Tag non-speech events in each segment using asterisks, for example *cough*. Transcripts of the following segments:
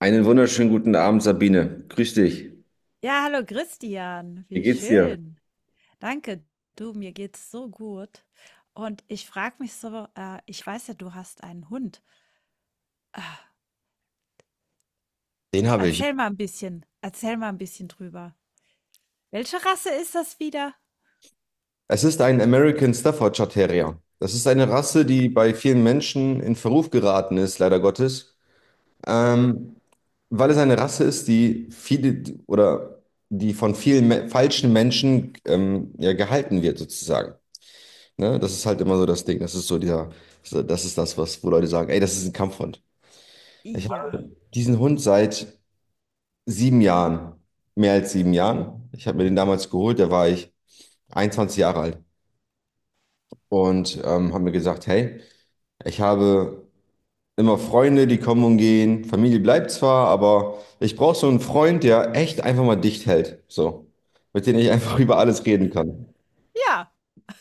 Einen wunderschönen guten Abend, Sabine. Grüß dich. Ja, hallo Christian, Wie wie geht's dir? schön. Danke, du, mir geht's so gut. Und ich frage mich so, ich weiß ja, du hast einen Hund. Den habe ich. Erzähl mal ein bisschen, erzähl mal ein bisschen drüber. Welche Rasse ist das wieder? Es ist ein American Staffordshire Terrier. Das ist eine Rasse, die bei vielen Menschen in Verruf geraten ist, leider Gottes, ähm, weil es eine Rasse ist, die viele oder die von vielen me falschen Menschen, ja, gehalten wird, sozusagen. Ne? Das ist halt immer so das Ding. Das ist so dieser, so, das ist das, was, wo Leute sagen, ey, das ist ein Kampfhund. Ich Ja, habe diesen Hund seit 7 Jahren, mehr als 7 Jahren. Ich habe mir den damals geholt, da war ich 21 Jahre alt und habe mir gesagt, hey, ich habe immer Freunde, die kommen und gehen. Familie bleibt zwar, aber ich brauche so einen Freund, der echt einfach mal dicht hält, so, mit dem ich einfach *laughs* über alles reden kann. ja,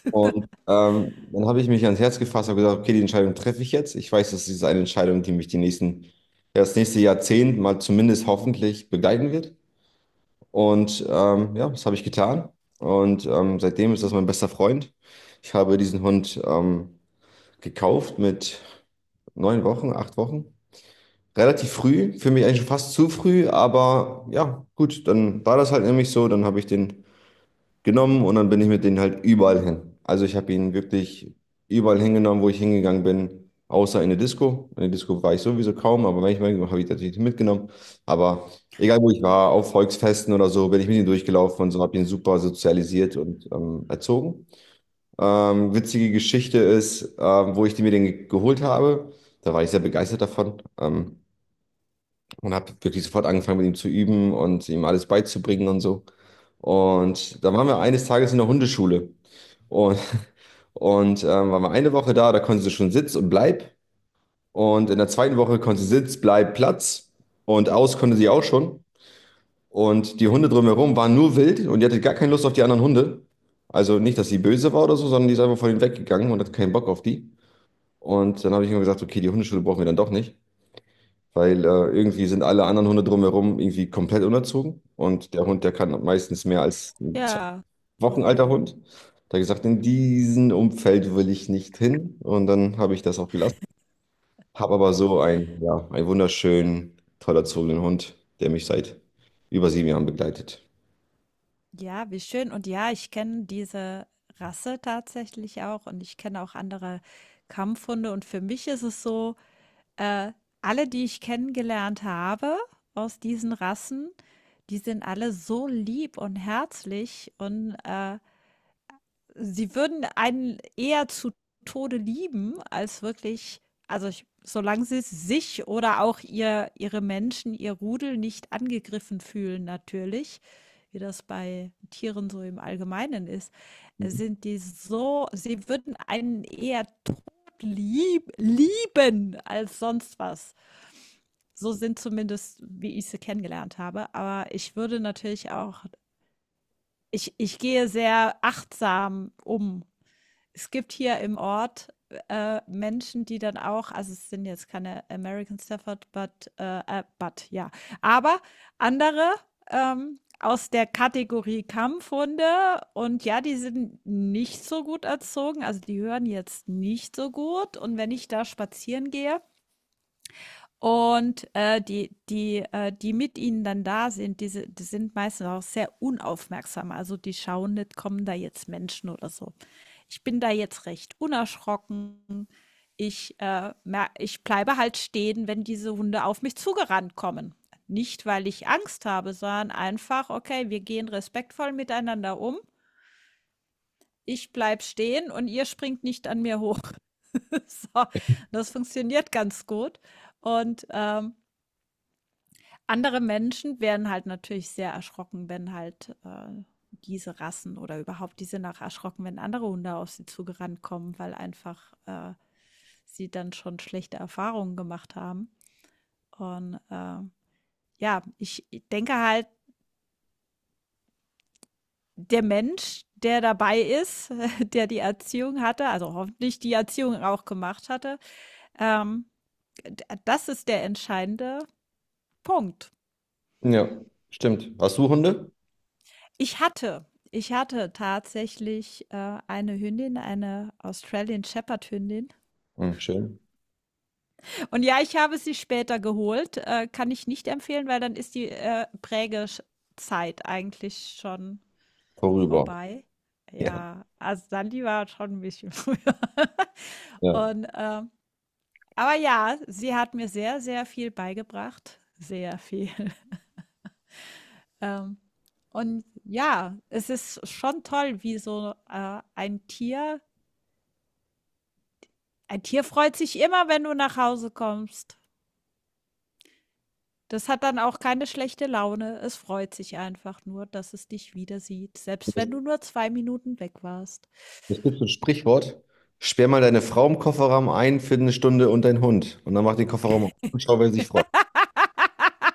Und dann habe ich mich ans Herz gefasst und gesagt, okay, die Entscheidung treffe ich jetzt. Ich weiß, das ist eine Entscheidung, die mich die nächsten, ja, das nächste Jahrzehnt mal zumindest hoffentlich begleiten wird. Und ja, das habe ich getan. Und seitdem ist das mein bester Freund. Ich habe diesen Hund gekauft mit 9 Wochen, 8 Wochen. Relativ früh, für mich eigentlich schon fast zu früh, aber ja, gut, dann war das halt nämlich so. Dann habe ich den genommen und dann bin ich mit denen halt überall hin. Also ich habe ihn wirklich überall hingenommen, wo ich hingegangen bin, außer in eine Disco. In eine Disco war ich sowieso kaum, aber manchmal habe ich natürlich mitgenommen. Aber egal wo ich war, auf Volksfesten oder so, bin ich mit ihm durchgelaufen und so habe ihn super sozialisiert und erzogen. Witzige Geschichte ist, wo ich die mir den geholt habe. Da war ich sehr begeistert davon. Und habe wirklich sofort angefangen, mit ihm zu üben und ihm alles beizubringen und so. Und dann waren wir eines Tages in der Hundeschule. Und, *laughs* waren wir eine Woche da, da konnte sie schon Sitz und Bleib. Und in der zweiten Woche konnte sie Sitz, Bleib, Platz. Und aus konnte sie auch schon. Und die Hunde drumherum waren nur wild und die hatte gar keine Lust auf die anderen Hunde. Also nicht, dass sie böse war oder so, sondern die ist einfach von ihnen weggegangen und hat keinen Bock auf die. Und dann habe ich immer gesagt, okay, die Hundeschule brauchen wir dann doch nicht, weil irgendwie sind alle anderen Hunde drumherum irgendwie komplett unerzogen und der Hund, der kann meistens mehr als ein zwei ja, Wochen ja. alter Hund. Da hab ich gesagt, in diesem Umfeld will ich nicht hin und dann habe ich das auch gelassen. Habe aber so einen, ja, einen wunderschönen, toll erzogenen Hund, der mich seit über 7 Jahren begleitet. Ja, wie schön. Und ja, ich kenne diese Rasse tatsächlich auch und ich kenne auch andere Kampfhunde. Und für mich ist es so, äh, alle, die ich kennengelernt habe aus diesen Rassen, die sind alle so lieb und herzlich, und sie würden einen eher zu Tode lieben, als wirklich, also ich, solange sie sich oder auch ihre Menschen, ihr Rudel, nicht angegriffen fühlen, natürlich, wie das bei Tieren so im Allgemeinen ist, Mhm. sind die so, sie würden einen eher todlieb lieben als sonst was. So sind zumindest, wie ich sie kennengelernt habe, aber ich würde natürlich auch, ich gehe sehr achtsam um, es gibt hier im Ort, Menschen, die dann auch, also es sind jetzt keine American Stafford, but, but ja, aber andere, aus der Kategorie Kampfhunde, und ja, die sind nicht so gut erzogen, also die hören jetzt nicht so gut, und wenn ich da spazieren gehe, und die mit ihnen dann da sind, die sind meistens auch sehr unaufmerksam. Also die schauen nicht, kommen da jetzt Menschen oder so. Ich bin da jetzt recht unerschrocken. Ich bleibe halt stehen, wenn diese Hunde auf mich zugerannt kommen. Nicht, weil ich Angst habe, sondern einfach, okay, wir gehen respektvoll miteinander um. Ich bleib stehen und ihr springt nicht an mir hoch. *laughs* So, das funktioniert ganz gut. Und andere Menschen werden halt natürlich sehr erschrocken, wenn halt, diese Rassen, oder überhaupt, die sind auch erschrocken, wenn andere Hunde auf sie zugerannt kommen, weil einfach, sie dann schon schlechte Erfahrungen gemacht haben. Und, ja, ich denke halt, der Mensch, der dabei ist, *laughs* der die Erziehung hatte, also hoffentlich die Erziehung auch gemacht hatte. Ähm, d das ist der entscheidende Punkt. Ja, stimmt. Hast du Hunde? Ich hatte ich hatte tatsächlich, eine Hündin, eine Australian Shepherd Hündin. Hm, schön. Und ja, ich habe sie später geholt, kann ich nicht empfehlen, weil dann ist die, Prägesch eigentlich schon Vorüber. vorbei. Ja, Ja, also Sandy war schon ein bisschen *laughs* früher. ja. Und, aber ja, sie hat mir sehr, sehr viel beigebracht, sehr viel. *laughs* Ähm, und ja, es ist schon toll, wie so ein Tier freut sich immer, wenn du nach Hause kommst. Das hat dann auch keine schlechte Laune. Es freut sich einfach nur, dass es dich wieder sieht, selbst wenn du nur 2 Minuten weg warst. Es gibt so ein Sprichwort, sperr mal deine Frau im Kofferraum ein für eine Stunde und deinen Hund. Und dann mach den Kofferraum auf und schau, wer sich freut. *laughs*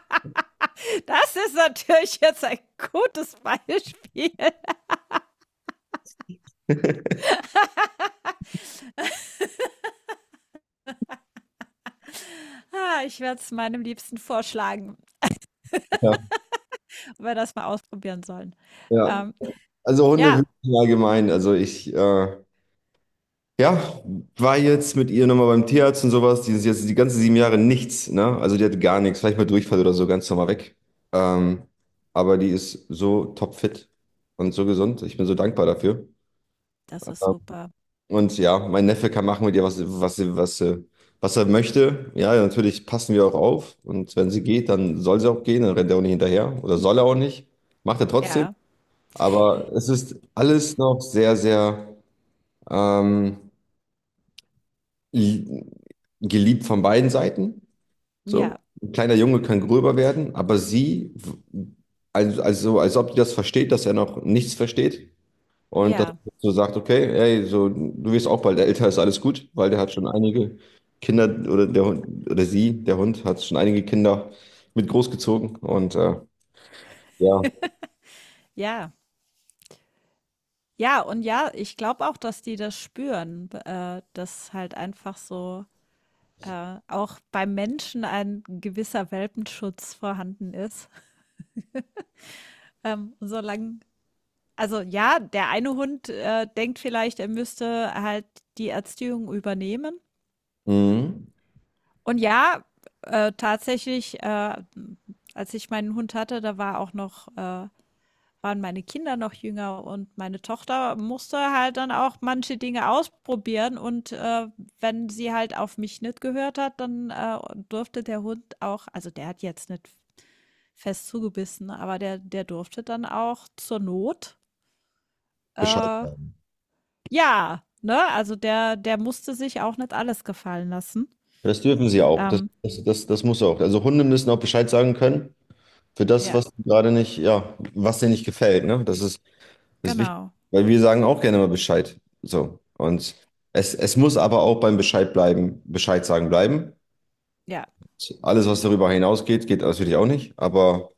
Das ist natürlich jetzt ein gutes Beispiel. *laughs* Ah, ich werde es meinem Liebsten vorschlagen, Ja, ob wir das mal ausprobieren sollen. ja. Ähm, Also Hunde ja. wirklich allgemein. Also ich, ja, war jetzt mit ihr nochmal beim Tierarzt und sowas. Die ist jetzt die ganzen 7 Jahre nichts, ne? Also die hat gar nichts, vielleicht mal Durchfall oder so, ganz normal weg. Ähm, aber die ist so topfit und so gesund. Ich bin so dankbar dafür. Das ist super. Und ja, mein Neffe kann machen mit ihr, was er möchte. Ja, natürlich passen wir auch auf. Und wenn sie geht, dann soll sie auch gehen. Dann rennt er auch nicht hinterher. Oder soll er auch nicht. Macht er trotzdem. Ja, Aber es ist alles noch sehr, sehr ähm, li- geliebt von beiden Seiten. ja, So. Ein kleiner Junge kann gröber werden, aber sie, also als ob die das versteht, dass er noch nichts versteht. Und dass ja, man so sagt, okay, ey, so, du wirst auch bald älter, ist alles gut, weil der hat schon einige Kinder oder der Hund oder sie, der Hund, hat schon einige Kinder mit großgezogen und ja, ja. Ja, und ja, ich glaube auch, dass die das spüren, dass halt einfach so, auch beim Menschen, ein gewisser Welpenschutz vorhanden ist. *laughs* Solange, also ja, der eine Hund, denkt vielleicht, er müsste halt die Erziehung übernehmen. mhm. Und ja, tatsächlich, als ich meinen Hund hatte, da war auch noch, waren meine Kinder noch jünger, und meine Tochter musste halt dann auch manche Dinge ausprobieren, und, wenn sie halt auf mich nicht gehört hat, dann, durfte der Hund auch, also, der hat jetzt nicht fest zugebissen, aber der durfte dann auch zur Not, Bescheid äh, sagen. ja, ne? Also, der musste sich auch nicht alles gefallen lassen. Das dürfen sie auch. Das, Ähm, das, das, das muss auch. Also Hunde müssen auch Bescheid sagen können für das, ja, was sie gerade nicht, ja, was dir nicht gefällt, ne? Das ist wichtig, genau. weil wir sagen auch gerne mal Bescheid. So. Und es muss aber auch beim Bescheid bleiben, Bescheid sagen bleiben. Ja. Alles, was darüber hinausgeht, geht natürlich auch nicht. Aber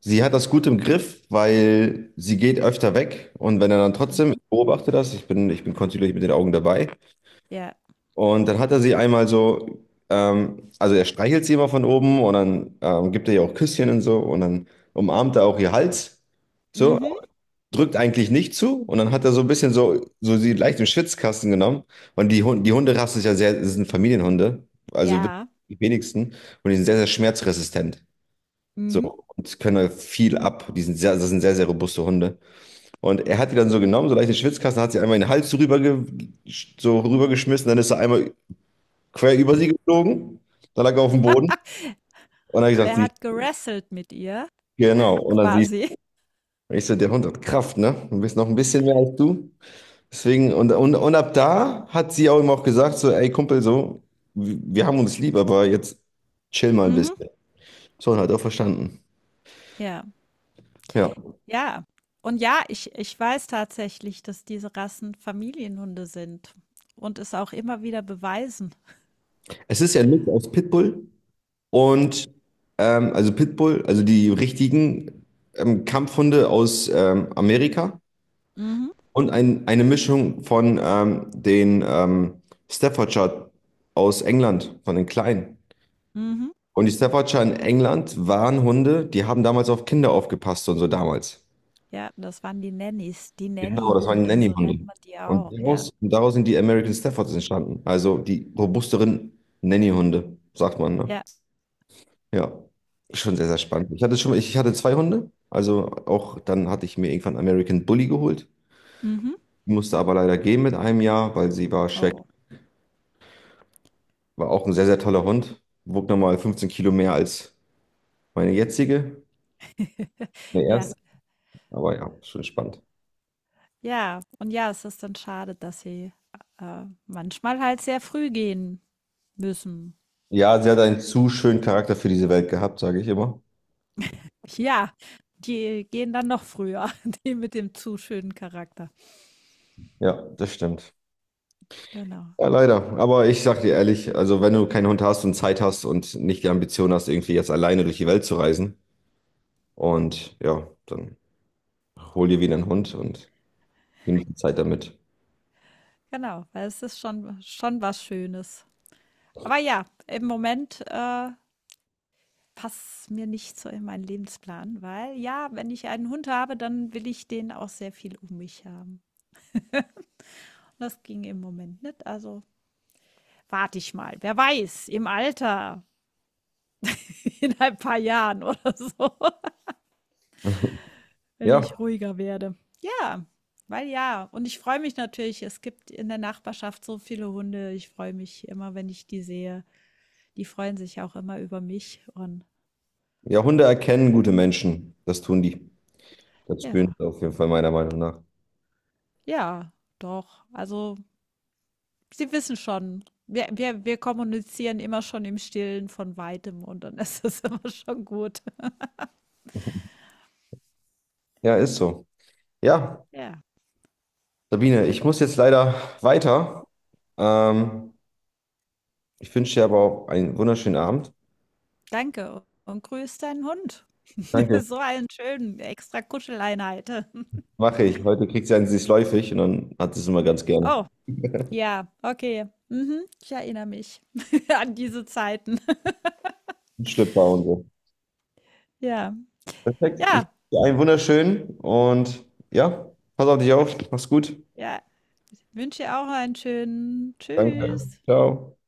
sie hat das gut im Griff, weil sie geht öfter weg. Und wenn er dann trotzdem, Hm. ich beobachte das, ich bin kontinuierlich mit den Augen dabei. Ja. Und dann hat er sie einmal so, also er streichelt sie immer von oben und dann gibt er ihr auch Küsschen und so. Und dann umarmt er auch ihr Hals. So, Mhm. drückt eigentlich nicht zu. Und dann hat er so ein bisschen so, so sie leicht im Schwitzkasten genommen. Und die Hunderasse ist ja sehr, es sind Familienhunde. Also Ja. die wenigsten. Und die sind sehr, sehr schmerzresistent. Mhm. So, und können halt viel ab. Das sind sehr, sehr robuste Hunde. Und er hat die dann so genommen, so leichte Schwitzkasten, hat sie einmal in den Hals so rübergeschmissen, dann ist er einmal quer über sie geflogen, dann lag er auf dem Boden und *laughs* dann habe ich gesagt, Er siehst hat gerasselt mit ihr, du, genau. Und dann siehst quasi. du, ich so, der Hund hat Kraft, ne? Du bist noch ein bisschen mehr als du. Deswegen, und ab da hat sie auch ihm auch gesagt, so, ey Kumpel, so, wir haben uns lieb, aber jetzt chill mal ein Mhm. bisschen. So, und hat auch verstanden. Ja, Ja. ja. Und ja, ich weiß tatsächlich, dass diese Rassen Familienhunde sind und es auch immer wieder beweisen. Es ist ja ein Mix aus Pitbull. Und also Pitbull, also die richtigen Kampfhunde aus Amerika Mhm, und eine Mischung von den Staffordshire aus England, von den Kleinen. mhm. Und die Staffordshire in England waren Hunde, die haben damals auf Kinder aufgepasst und so damals. Ja, das waren die Nannies, die Genau, das waren Nannyhunde, so nennt Nanny-Hunde. man die Und auch, ja. daraus, und daraus sind die American Staffords entstanden. Also die robusteren Nanny-Hunde, sagt man, ne? Ja. Ja, schon sehr, sehr spannend. Ich hatte zwei Hunde. Also auch dann hatte ich mir irgendwann American Bully geholt. Mhm. Musste aber leider gehen mit einem Jahr, weil sie war schwer. Oh. War auch ein sehr, sehr toller Hund. Wog nochmal 15 Kilo mehr als meine jetzige, *laughs* meine Ja. erste. Aber ja, schon spannend. Ja. Und ja, es ist dann schade, dass sie, manchmal halt sehr früh gehen müssen. Ja, sie hat einen zu schönen Charakter für diese Welt gehabt, sage ich immer. Ja, die gehen dann noch früher, *laughs* die mit dem zu schönen Charakter. Ja, das stimmt. Genau. Ja, leider. Aber ich sag dir ehrlich, also wenn du keinen Hund hast und Zeit hast und nicht die Ambition hast, irgendwie jetzt alleine durch die Welt zu reisen und ja, dann hol dir wieder einen Hund und genieße die Zeit damit. Genau, weil es ist schon, schon was Schönes. Aber ja, im Moment, passt mir nicht so in meinen Lebensplan, weil, ja, wenn ich einen Hund habe, dann will ich den auch sehr viel um mich haben. Und das ging im Moment nicht. Also warte ich mal. Wer weiß, im Alter, *laughs* in ein paar Jahren oder so, *laughs* *laughs* wenn ich Ja, ruhiger werde. Ja, weil, ja. Und ich freue mich natürlich, es gibt in der Nachbarschaft so viele Hunde. Ich freue mich immer, wenn ich die sehe. Die freuen sich auch immer über mich. Und ja, Hunde erkennen gute Menschen. Das tun die. Das spüren ja, sie auf jeden Fall meiner Meinung nach. ja, doch. Also, sie wissen schon. Wir kommunizieren immer schon im Stillen von Weitem, und dann ist das *laughs* immer schon gut. Ja, ist so. Ja, Ja, Sabine, ich muss jetzt leider weiter. Ähm, ich wünsche dir aber auch einen wunderschönen Abend. danke, und grüß deinen Hund. *laughs* Danke. So einen schönen extra Kuscheleinheit. *laughs* Mache ich. Heute kriegt sie einen süßläufig und dann hat sie es immer ganz gerne. Oh, *laughs* Ein ja, okay. Mhm, ich erinnere mich *laughs* an diese Zeiten. *laughs* Schlüpper und so. Ja, Perfekt. Ich wünsche ja, dir einen wunderschönen und ja, pass auf dich auf. Mach's gut. ja. Ich wünsche dir auch einen schönen. Danke. Tschüss. Ciao.